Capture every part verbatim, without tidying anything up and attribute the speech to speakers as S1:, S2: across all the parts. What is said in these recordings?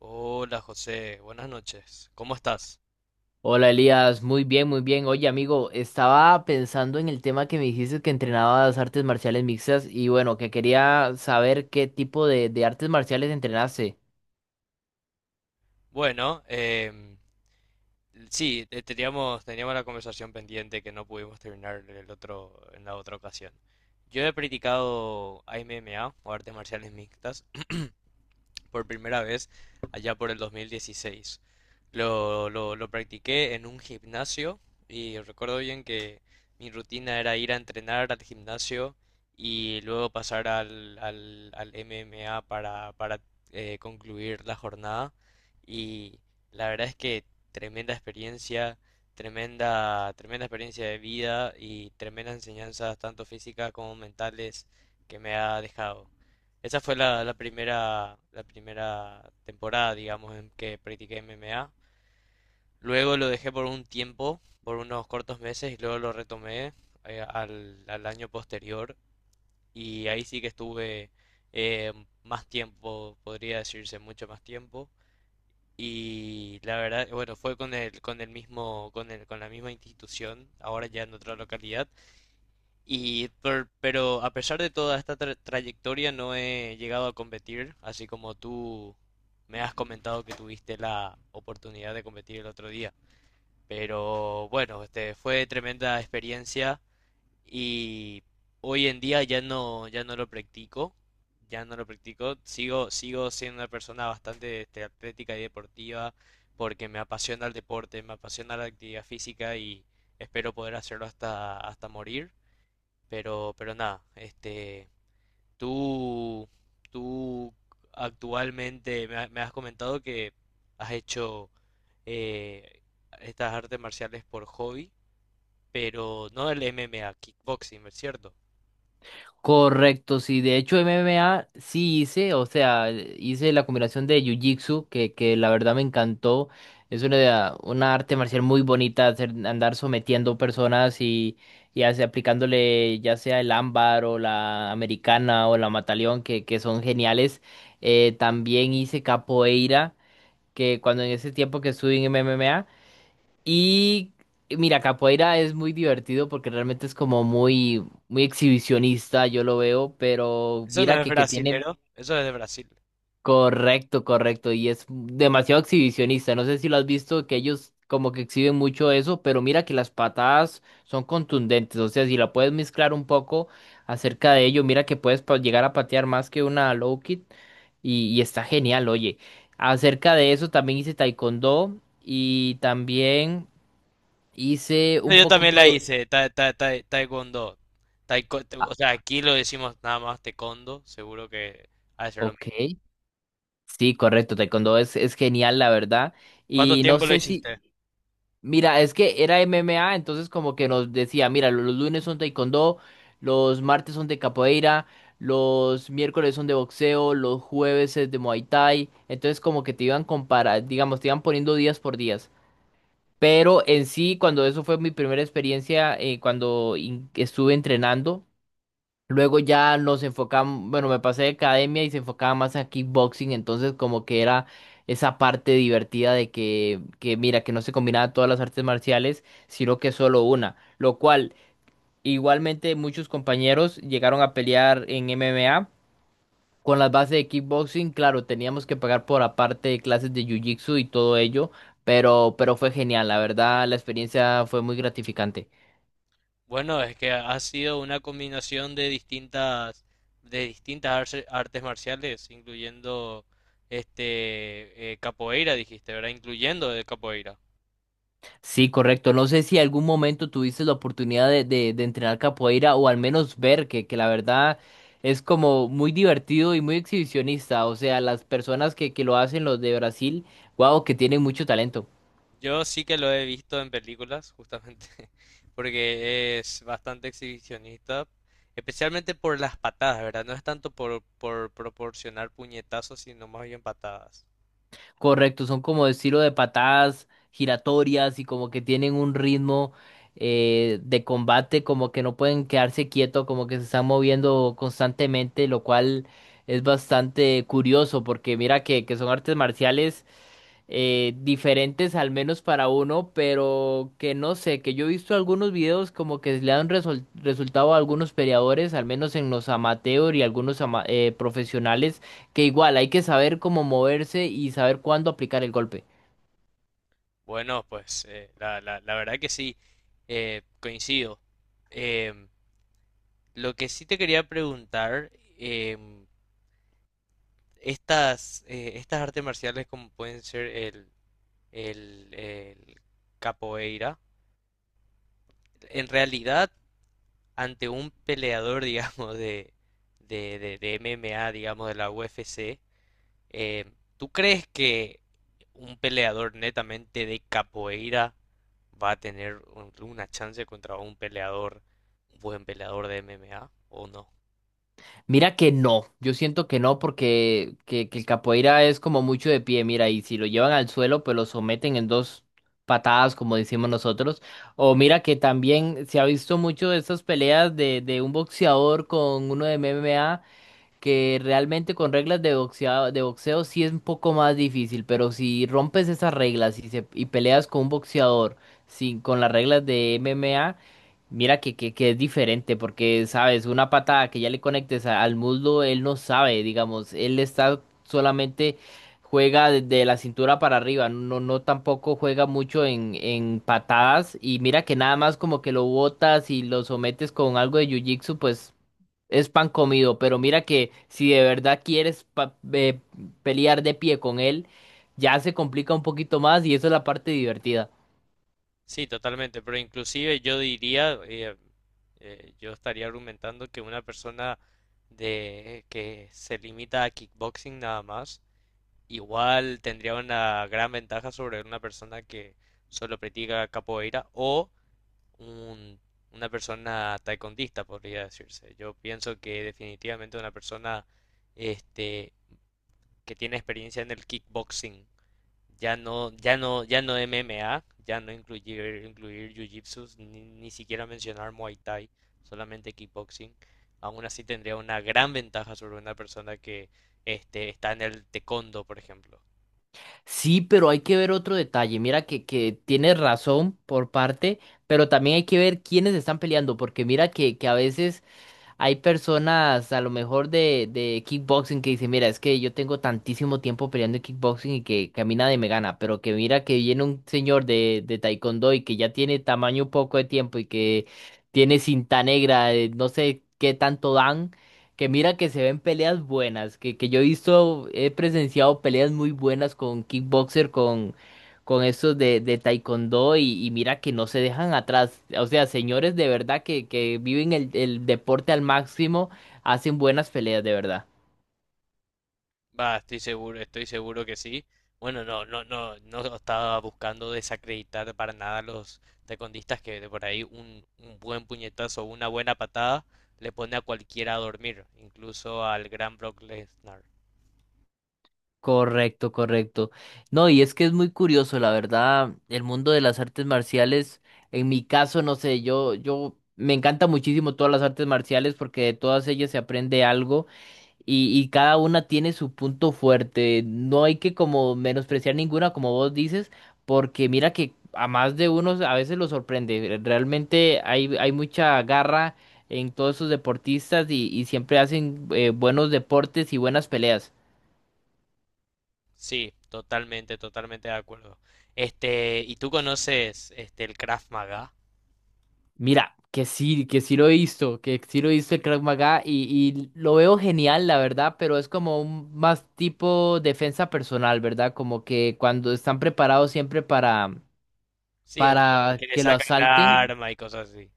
S1: Hola José, buenas noches. ¿Cómo estás?
S2: Hola Elías, muy bien, muy bien. Oye amigo, estaba pensando en el tema que me dijiste que entrenabas artes marciales mixtas y bueno, que quería saber qué tipo de, de artes marciales entrenaste.
S1: Bueno, em, sí, eh, teníamos, teníamos la conversación pendiente que no pudimos terminar en el otro, en la otra ocasión. Yo he practicado M M A o artes marciales mixtas por primera vez allá por el dos mil dieciséis. Lo, lo, lo practiqué en un gimnasio y recuerdo bien que mi rutina era ir a entrenar al gimnasio y luego pasar al, al, al M M A para, para eh, concluir la jornada. Y la verdad es que tremenda experiencia, tremenda, tremenda experiencia de vida y tremendas enseñanzas, tanto físicas como mentales, que me ha dejado. Esa fue la, la primera, la primera temporada, digamos, en que practiqué M M A. Luego lo dejé por un tiempo, por unos cortos meses, y luego lo retomé eh, al, al año posterior. Y ahí sí que estuve eh, más tiempo, podría decirse mucho más tiempo. Y la verdad, bueno, fue con el, con el mismo, con el, con la misma institución, ahora ya en otra localidad. Y per- pero a pesar de toda esta tra- trayectoria no he llegado a competir, así como tú me has comentado que tuviste la oportunidad de competir el otro día. Pero bueno, este fue tremenda experiencia y hoy en día ya no ya no lo practico, ya no lo practico. Sigo sigo siendo una persona bastante este, atlética y deportiva porque me apasiona el deporte, me apasiona la actividad física y espero poder hacerlo hasta hasta morir. Pero, pero nada, este, tú, tú actualmente me, ha- me has comentado que has hecho eh, estas artes marciales por hobby, pero no el M M A, kickboxing, ¿es cierto?
S2: Correcto, sí. De hecho, M M A sí hice, o sea, hice la combinación de Jiu-Jitsu, que, que la verdad me encantó. Es una, una arte marcial muy bonita, hacer- andar sometiendo personas y, y hace- aplicándole ya sea el ámbar o la americana o la mataleón, que, que son geniales. Eh, también hice capoeira, que cuando en ese tiempo que estuve en M M A. Y mira, capoeira es muy divertido porque realmente es como muy, muy exhibicionista, yo lo veo, pero
S1: Eso no
S2: mira
S1: es
S2: que, que tiene
S1: brasilero, eso es de Brasil.
S2: correcto, correcto, y es demasiado exhibicionista. No sé si lo has visto, que ellos como que exhiben mucho eso, pero mira que las patadas son contundentes. O sea, si la puedes mezclar un poco acerca de ello, mira que puedes pa- llegar a patear más que una low kick y, y está genial, oye. Acerca de eso también hice taekwondo y también. Hice
S1: Eso
S2: un
S1: yo también
S2: poquito
S1: la
S2: de...
S1: hice, ta- ta- ta- taekwondo. Taiko-
S2: Ah,
S1: o sea, aquí lo decimos nada más taekwondo, seguro que ha de ser lo
S2: ok,
S1: mismo.
S2: sí, correcto, taekwondo es, es genial, la verdad.
S1: ¿Cuánto
S2: Y no
S1: tiempo lo
S2: sé si...
S1: hiciste?
S2: Mira, es que era M M A, entonces como que nos decía, mira, lo- los lunes son taekwondo, los martes son de capoeira, los miércoles son de boxeo, los jueves es de Muay Thai. Entonces como que te iban comparar, digamos, te iban poniendo días por días. Pero en sí, cuando eso fue mi primera experiencia, eh, cuando in- estuve entrenando. Luego ya nos enfocamos, bueno, me pasé de academia y se enfocaba más a kickboxing, entonces como que era esa parte divertida de que, que mira, que no se combinaban todas las artes marciales, sino que solo una, lo cual igualmente muchos compañeros llegaron a pelear en M M A con las bases de kickboxing, claro, teníamos que pagar por aparte de clases de jiu-jitsu y todo ello, pero, pero fue genial, la verdad, la experiencia fue muy gratificante.
S1: Bueno, es que ha sido una combinación de distintas, de distintas arce- artes marciales, incluyendo este eh, capoeira, dijiste, ¿verdad? Incluyendo de capoeira.
S2: Sí, correcto. No sé si algún momento tuviste la oportunidad de, de, de entrenar capoeira o al menos ver que, que la verdad es como muy divertido y muy exhibicionista. O sea, las personas que, que lo hacen, los de Brasil, wow, que tienen mucho talento.
S1: Yo sí que lo he visto en películas, justamente, porque es bastante exhibicionista, especialmente por las patadas, ¿verdad? No es tanto por, por proporcionar puñetazos, sino más bien patadas.
S2: Correcto, son como de estilo de patadas giratorias y como que tienen un ritmo eh, de combate, como que no pueden quedarse quietos, como que se están moviendo constantemente, lo cual es bastante curioso porque mira que, que son artes marciales eh, diferentes al menos para uno, pero que no sé, que yo he visto algunos videos como que le han resol- resultado a algunos peleadores, al menos en los amateur y algunos ama- eh, profesionales, que igual hay que saber cómo moverse y saber cuándo aplicar el golpe.
S1: Bueno, pues eh, la, la, la verdad que sí, eh, coincido. Em, Lo que sí te quería preguntar, em, estas, eh, estas artes marciales como pueden ser el, el, el capoeira, en realidad ante un peleador, digamos, de, de, de, de M M A, digamos, de la U F C, em, ¿tú crees que un peleador netamente de capoeira va a tener un- una chance contra un peleador, un buen peleador de M M A o no?
S2: Mira que no, yo siento que no porque que, que el capoeira es como mucho de pie, mira, y si lo llevan al suelo, pues lo someten en dos patadas, como decimos nosotros. O mira que también se ha visto mucho de estas peleas de, de un boxeador con uno de M M A que realmente con reglas de boxeo, de boxeo sí es un poco más difícil, pero si rompes esas reglas y, se, y peleas con un boxeador sin, con las reglas de M M A, mira que, que, que es diferente, porque sabes, una patada que ya le conectes a- al muslo, él no sabe, digamos, él está solamente juega desde la cintura para arriba, no, no tampoco juega mucho en, en patadas y mira que nada más como que lo botas y lo sometes con algo de jiu-jitsu, pues es pan comido, pero mira que si de verdad quieres pa- eh, pelear de pie con él, ya se complica un poquito más y eso es la parte divertida.
S1: Sí, totalmente, pero inclusive yo diría, eh, eh, yo estaría argumentando que una persona de que se limita a kickboxing nada más, igual tendría una gran ventaja sobre una persona que solo practica capoeira o un- una persona taekwondista, podría decirse. Yo pienso que definitivamente una persona este, que tiene experiencia en el kickboxing ya no, ya no, ya no M M A, ya no incluir, incluir Jiu-Jitsu, ni, ni siquiera mencionar Muay Thai, solamente kickboxing. Aún así tendría una gran ventaja sobre una persona que este, está en el taekwondo, por ejemplo.
S2: Sí, pero hay que ver otro detalle. Mira que, que tienes razón por parte, pero también hay que ver quiénes están peleando, porque mira que, que a veces hay personas a lo mejor de, de kickboxing que dicen, mira, es que yo tengo tantísimo tiempo peleando en kickboxing y que camina y me gana, pero que mira que viene un señor de, de taekwondo y que ya tiene tamaño poco de tiempo y que tiene cinta negra, eh, no sé qué tanto dan, que mira que se ven peleas buenas, que, que yo he visto, he presenciado peleas muy buenas con kickboxer, con estos de, de taekwondo y, y mira que no se dejan atrás. O sea, señores de verdad que, que viven el, el deporte al máximo, hacen buenas peleas de verdad.
S1: Va, estoy seguro, estoy seguro que sí. Bueno, no, no, no, no estaba buscando desacreditar para nada a los taekwondistas que de por ahí un, un buen puñetazo o una buena patada le pone a cualquiera a dormir, incluso al gran Brock Lesnar.
S2: Correcto, correcto. No, y es que es muy curioso, la verdad, el mundo de las artes marciales, en mi caso, no sé, yo, yo me encanta muchísimo todas las artes marciales porque de todas ellas se aprende algo. Y, y cada una tiene su punto fuerte. No hay que como menospreciar ninguna, como vos dices, porque mira que a más de unos a veces lo sorprende. Realmente hay, hay mucha garra en todos esos deportistas y, y siempre hacen eh, buenos deportes y buenas peleas.
S1: Sí, totalmente, totalmente de acuerdo. Este, ¿y tú conoces este el Krav Maga?
S2: Mira, que sí, que sí lo he visto, que sí lo he visto el Krav Maga y, y lo veo genial, la verdad, pero es como un más tipo defensa personal, ¿verdad? Como que cuando están preparados siempre para
S1: Sí, el
S2: para
S1: que le
S2: que lo
S1: saca el
S2: asalten.
S1: arma y cosas así.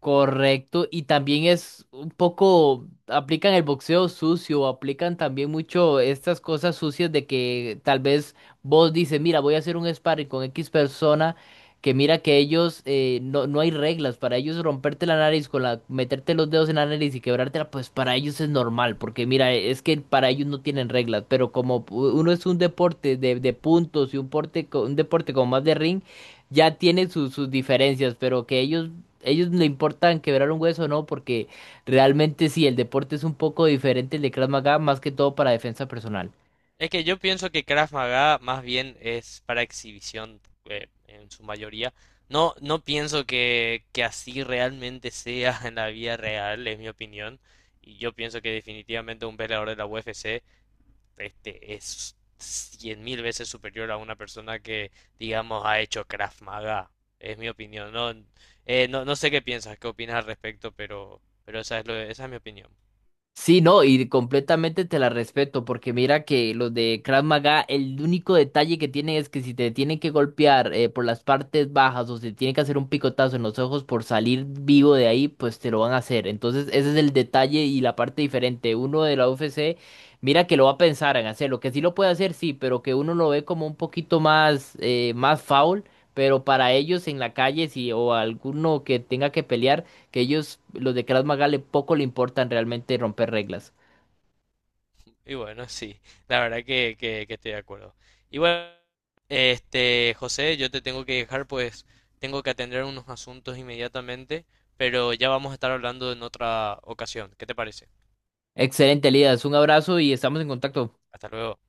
S2: Correcto, y también es un poco, aplican el boxeo sucio, aplican también mucho estas cosas sucias de que tal vez vos dices, mira, voy a hacer un sparring con X persona, que mira que ellos, eh, no, no hay reglas, para ellos romperte la nariz con la, meterte los dedos en la nariz y quebrártela, pues para ellos es normal, porque mira, es que para ellos no tienen reglas, pero como pu- uno es un deporte de, de puntos y un, porte, co- un deporte como más de ring, ya tiene sus sus diferencias, pero que ellos ellos le importan quebrar un hueso o no, porque realmente sí, el deporte es un poco diferente el de Krav Maga, más que todo para defensa personal.
S1: Es que yo pienso que Krav Maga más bien es para exhibición eh, en su mayoría. No, no pienso que, que así realmente sea en la vida real, es mi opinión. Y yo pienso que definitivamente un peleador de la U F C este, es cien mil veces superior a una persona que, digamos, ha hecho Krav Maga. Es mi opinión. No, eh, no, no sé qué piensas, qué opinas al respecto, pero, pero esa es lo, esa es mi opinión.
S2: Sí, no, y completamente te la respeto, porque mira que los de Krav Maga, el único detalle que tienen es que si te tienen que golpear eh, por las partes bajas o si tienen que hacer un picotazo en los ojos por salir vivo de ahí, pues te lo van a hacer. Entonces, ese es el detalle y la parte diferente. Uno de la U F C, mira que lo va a pensar en hacerlo, que sí lo puede hacer, sí, pero que uno lo ve como un poquito más, eh, más foul, pero para ellos en la calle, sí, o alguno que tenga que pelear que ellos, los de Krav Maga, le poco le importan realmente romper reglas.
S1: Y bueno, sí, la verdad que, que, que estoy de acuerdo. Y bueno, este, José, yo te tengo que dejar, pues tengo que atender unos asuntos inmediatamente, pero ya vamos a estar hablando en otra ocasión. ¿Qué te parece?
S2: Excelente, Lidas. Un abrazo y estamos en contacto.
S1: Hasta luego.